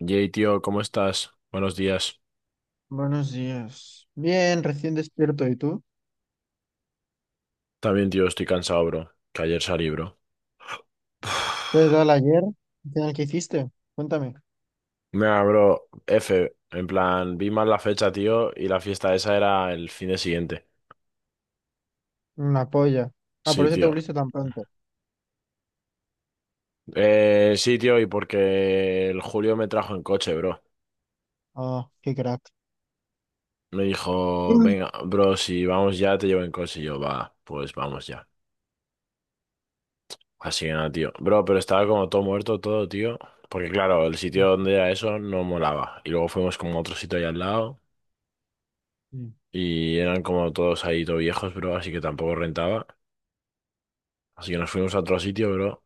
Yay, tío, ¿cómo estás? Buenos días. Buenos días. Bien, recién despierto. ¿Y tú? También, tío, estoy cansado, bro. Que ayer salí, bro. ¿Qué tal ayer? ¿Al final qué hiciste? Cuéntame. Mira, bro, F. En plan, vi mal la fecha, tío, y la fiesta esa era el fin de siguiente. Una polla. Ah, por Sí, eso te tío. volviste tan pronto. Sí, tío, y porque el Julio me trajo en coche, bro. Ah, qué crack. Me dijo, Uy. venga, bro, si vamos ya, te llevo en coche. Y yo, va, pues vamos ya. Así que nada, tío. Bro, pero estaba como todo muerto, todo, tío. Porque claro, el sitio donde era eso no molaba. Y luego fuimos como a otro sitio allá al lado. Sí. Y eran como todos ahí, todo viejos, bro, así que tampoco rentaba. Así que nos fuimos a otro sitio, bro.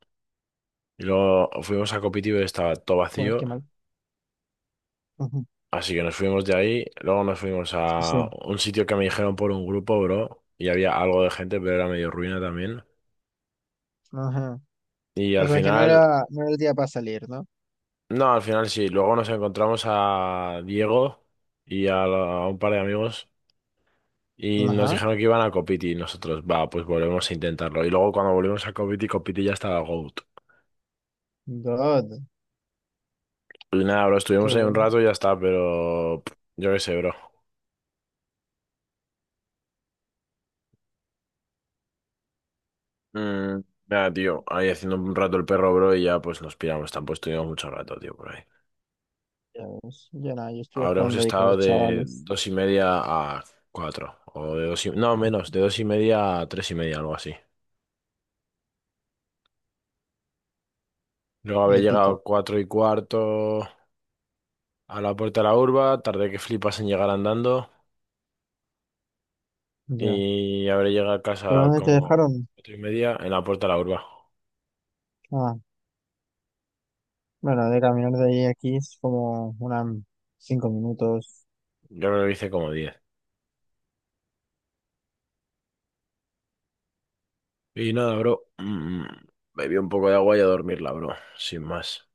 Y luego fuimos a Copitiba y estaba todo Joder, vacío. qué mal. Ujú. Así que nos fuimos de ahí. Luego nos fuimos a O un sitio que me dijeron por un grupo, bro. Y había algo de gente, pero era medio ruina también. ajá. Y O al sea que no final, era, no era el día para salir, ¿no? no, al final sí. Luego nos encontramos a Diego y a, a un par de amigos. Y nos Ajá. dijeron que iban a Copiti y nosotros, va, pues volvemos a intentarlo. Y luego cuando volvimos a Copiti, Copiti ya estaba GOAT. God, Pues nada, bro, qué estuvimos ahí un bueno. rato y ya está, pero yo qué sé, bro. Mm, nada, tío, ahí haciendo un rato el perro, bro, y ya pues nos piramos. Tampoco estuvimos mucho rato, tío, por ahí. Ya ves. Ya nada, yo estuve Habremos jugando ahí con estado los de chavales. 2:30 a cuatro, o No, menos, de 2:30 a 3:30, algo así. Luego habré Épico. llegado 4:15 a la puerta de la urba, tardé que flipas en llegar andando, Ya. y habré llegado a ¿Pero casa dónde te como dejaron? 4:30 en la puerta de la urba. Ah, bueno, de caminar de ahí a aquí es como unas 5 minutos. Yo creo que hice como diez. Y nada, bro. Bebí un poco de agua y a dormirla, bro. Sin más.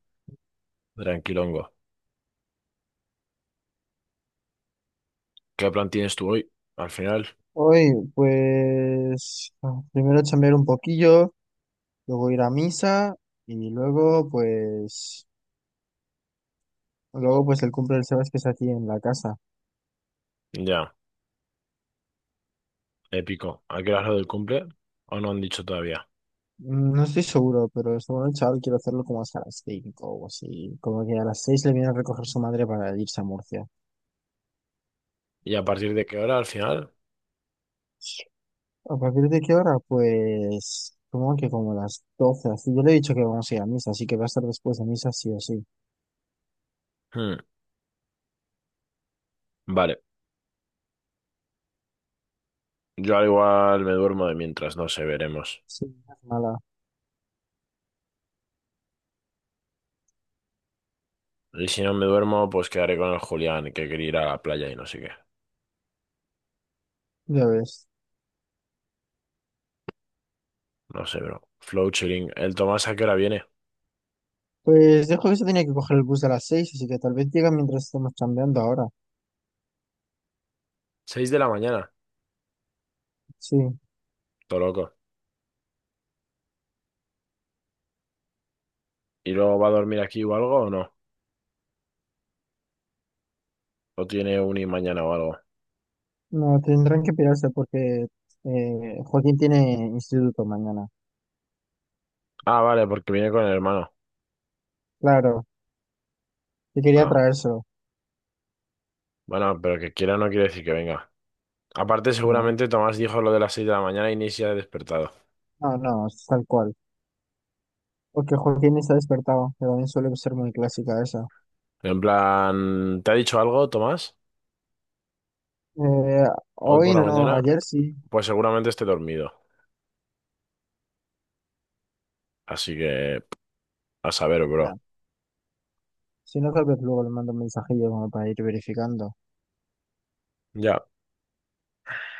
Tranquilongo. ¿Qué plan tienes tú hoy? Al final. Hoy, pues, ah, primero chambear un poquillo, luego ir a misa y luego, pues, el cumple del Sebas que es aquí en la casa. Ya, épico. ¿A qué hora es lo del cumple? ¿O no han dicho todavía? No estoy seguro, pero esta noche, chaval, quiero hacerlo como hasta las 5 o así. Como que a las 6 le viene a recoger su madre para irse a Murcia. ¿Y a partir de qué hora al final? ¿A partir de qué hora? Pues, como que como las 12 así. Yo le he dicho que vamos a ir a misa, así que va a estar después de misa sí o sí. Hmm. Vale. Yo al igual me duermo de mientras, no sé, veremos. Sí, no es mala, Y si no me duermo, pues quedaré con el Julián, que quería ir a la playa y no sé qué. ya ves. No sé, bro. Flow chilling. ¿El Tomás a qué hora viene? Pues dijo que se tenía que coger el bus a las 6, así que tal vez llega mientras estamos chambeando ahora. ¿Seis de la mañana? Sí, Todo loco. ¿Y luego va a dormir aquí o algo o no? ¿O tiene uni mañana o algo? no, tendrán que pirarse porque Joaquín tiene instituto mañana. Ah, vale, porque viene con el hermano. Claro, que quería Ah, traérselo. bueno, pero que quiera no quiere decir que venga. Aparte, No, seguramente Tomás dijo lo de las 6 de la mañana y ni se ha despertado. no, no, es tal cual. Porque Joaquín está despertado, que también suele ser muy clásica esa. En plan, ¿te ha dicho algo, Tomás? Eh, Hoy por Hoy la no, mañana, ayer sí. pues seguramente esté dormido. Así que, a saber, bro. Ya. Si no, tal vez luego le mando un mensajillo como para ir verificando. Ya.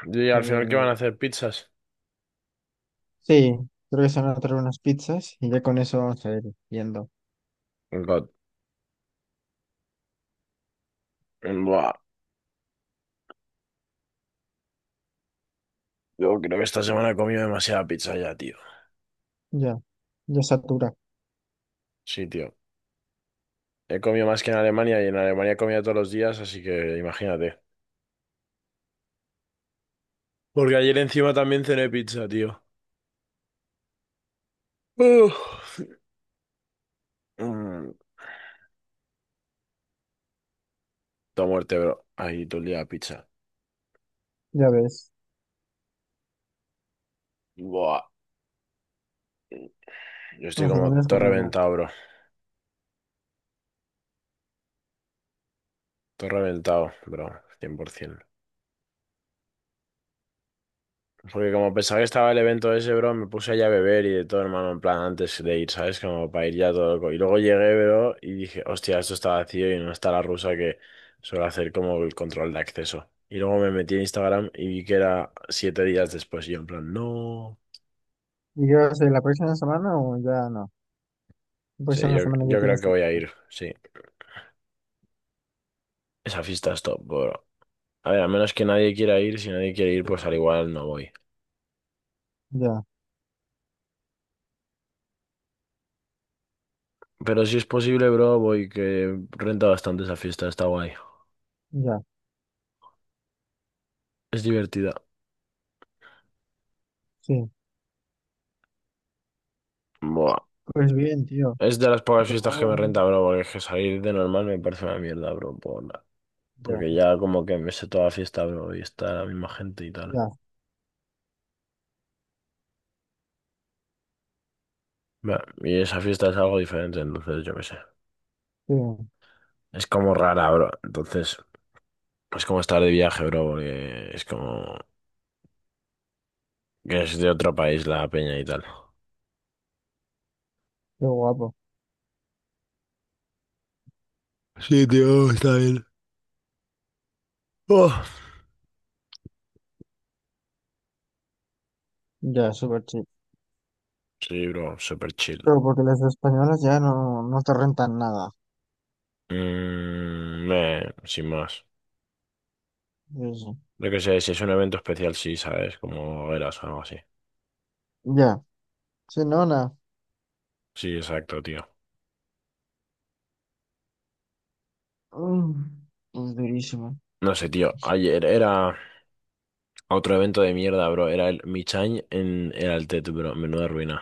Y al final, ¿qué van a Eh, hacer? ¿Pizzas? sí, creo que se van a traer unas pizzas y ya con eso vamos a ir viendo. God. Buah, yo creo que esta semana he comido demasiada pizza ya, tío. Ya, ya satura. Sí, tío. He comido más que en Alemania y en Alemania he comido todos los días, así que imagínate. Porque ayer encima también cené pizza, tío. Uf. Mm, toda muerte, bro. Ahí todo el día pizza. Ya ves, Buah. Yo estoy al como final les todo combina. reventado, bro. Todo reventado, bro. 100%. Porque como pensaba que estaba el evento ese, bro, me puse allá a beber y de todo, hermano, en plan antes de ir, ¿sabes? Como para ir ya todo loco. Y luego llegué, bro, y dije, hostia, esto está vacío y no está la rusa que suele hacer como el control de acceso. Y luego me metí en Instagram y vi que era 7 días después. Y yo en plan, no. ¿Y qué va a ser la próxima semana o ya no? La Sí, próxima yo, semana ya yo creo tienes. que voy a ir, sí. Esa fiesta es top, bro. A ver, a menos que nadie quiera ir, si nadie quiere ir, pues al igual no voy. Ya, Pero si es posible, bro, voy, que renta bastante esa fiesta, está guay. ya, Es divertida. sí. Buah. Pues bien, tío. Es de las pocas fiestas que me Lo- renta, bro, porque es que salir de normal me parece una mierda, bro. Ya, Porque ya como que me sé toda la fiesta, bro, y está la misma gente y tal. ya, Va, y esa fiesta es algo diferente, entonces yo qué sé. sí, Es como rara, bro. Entonces, es como estar de viaje, bro, porque es como que es de otro país la peña y tal. qué guapo. Sí, tío, está bien. Ya, súper chido. Sí, bro, super chill. Pero porque las españolas ya no, no te rentan nada. Mm, meh, sin más. Eso. Lo que sé, si es un evento especial, sí, ¿sabes? Como eras o algo así. Ya, sí, no, nada. Sí, exacto, tío. Mm, pues durísimo. No sé, tío. Ayer era otro evento de mierda, bro. Era el Michain en el Altet, bro. Menuda ruina.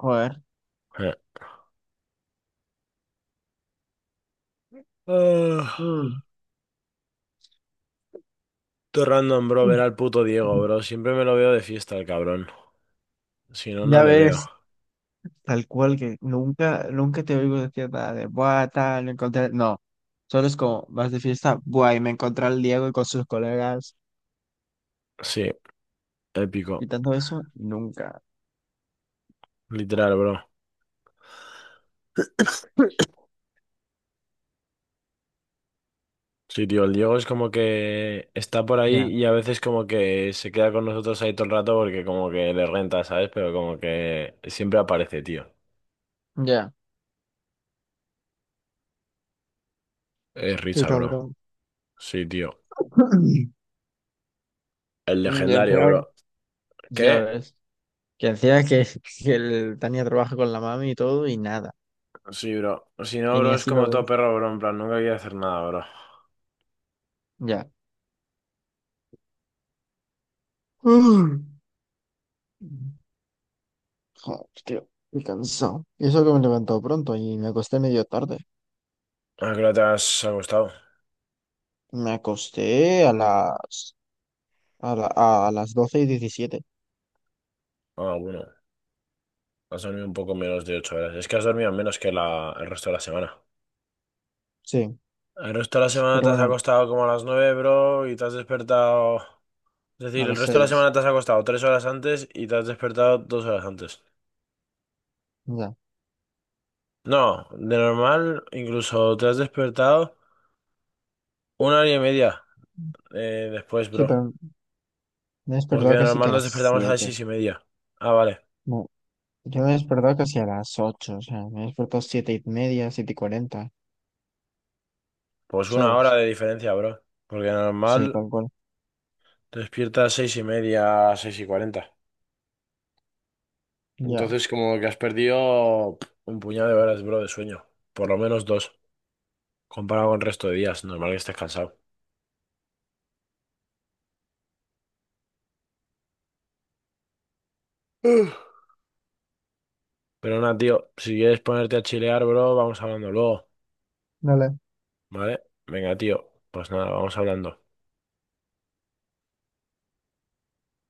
Joder. Eh. Ah, Mm, todo random, bro, ver al puto Diego, mm. bro. Siempre me lo veo de fiesta, el cabrón. Si no, no Ya le veo. ves. Tal cual que nunca, nunca te oigo decir nada de buah, tal, me encontré. No, solo es como vas de fiesta, buah, y me encontré al Diego y con sus colegas Sí, y épico. tanto eso, nunca. Literal, bro. Sí, tío, el Diego es como que está por ahí Ya, y a veces como que se queda con nosotros ahí todo el rato porque como que le renta, ¿sabes? Pero como que siempre aparece, tío. ya, Es qué risa, bro. cabrón. Sí, tío. El Y legendario, encima, bro. ya ¿Qué? ves, que encima que, que el Tania trabaja con la mami y todo y nada, Sí, bro. Si no, y ni bro, es así lo como todo ves. perro, bro. En plan, nunca quiere hacer nada, bro. Ya. Mm. Joder, tío, estoy cansado. Y eso que me levantó pronto y me acosté medio tarde. ¿A qué hora te has acostado? Me acosté a las A, la- a las 12:17. Ah, bueno. Has dormido un poco menos de 8 horas. Es que has dormido menos que el resto de la semana. Sí, El resto de la semana te pero has bueno, acostado como a las 9, bro, y te has despertado... Es a decir, el las resto de la seis semana te has acostado 3 horas antes y te has despertado 2 horas antes. Ya. No, de normal incluso te has despertado una hora y media después, Sí, bro. pero me he Porque despertado de casi que normal a nos las despertamos a las siete 6:30. Ah, vale. No, yo me he despertado casi a las 8. O sea, me he despertado 7 y media, 7:40. Pues una hora ¿Sabes? de diferencia, bro. Porque de Sí, normal tal cual. te despiertas a 6:30, 6:40. Ya. Entonces como que has perdido un puñado de horas, bro, de sueño. Por lo menos dos, comparado con el resto de días. Normal que estés cansado. Uf. Pero nada, tío, si quieres ponerte a chilear, bro, vamos hablando luego. No le Vale, venga, tío. Pues nada, vamos hablando.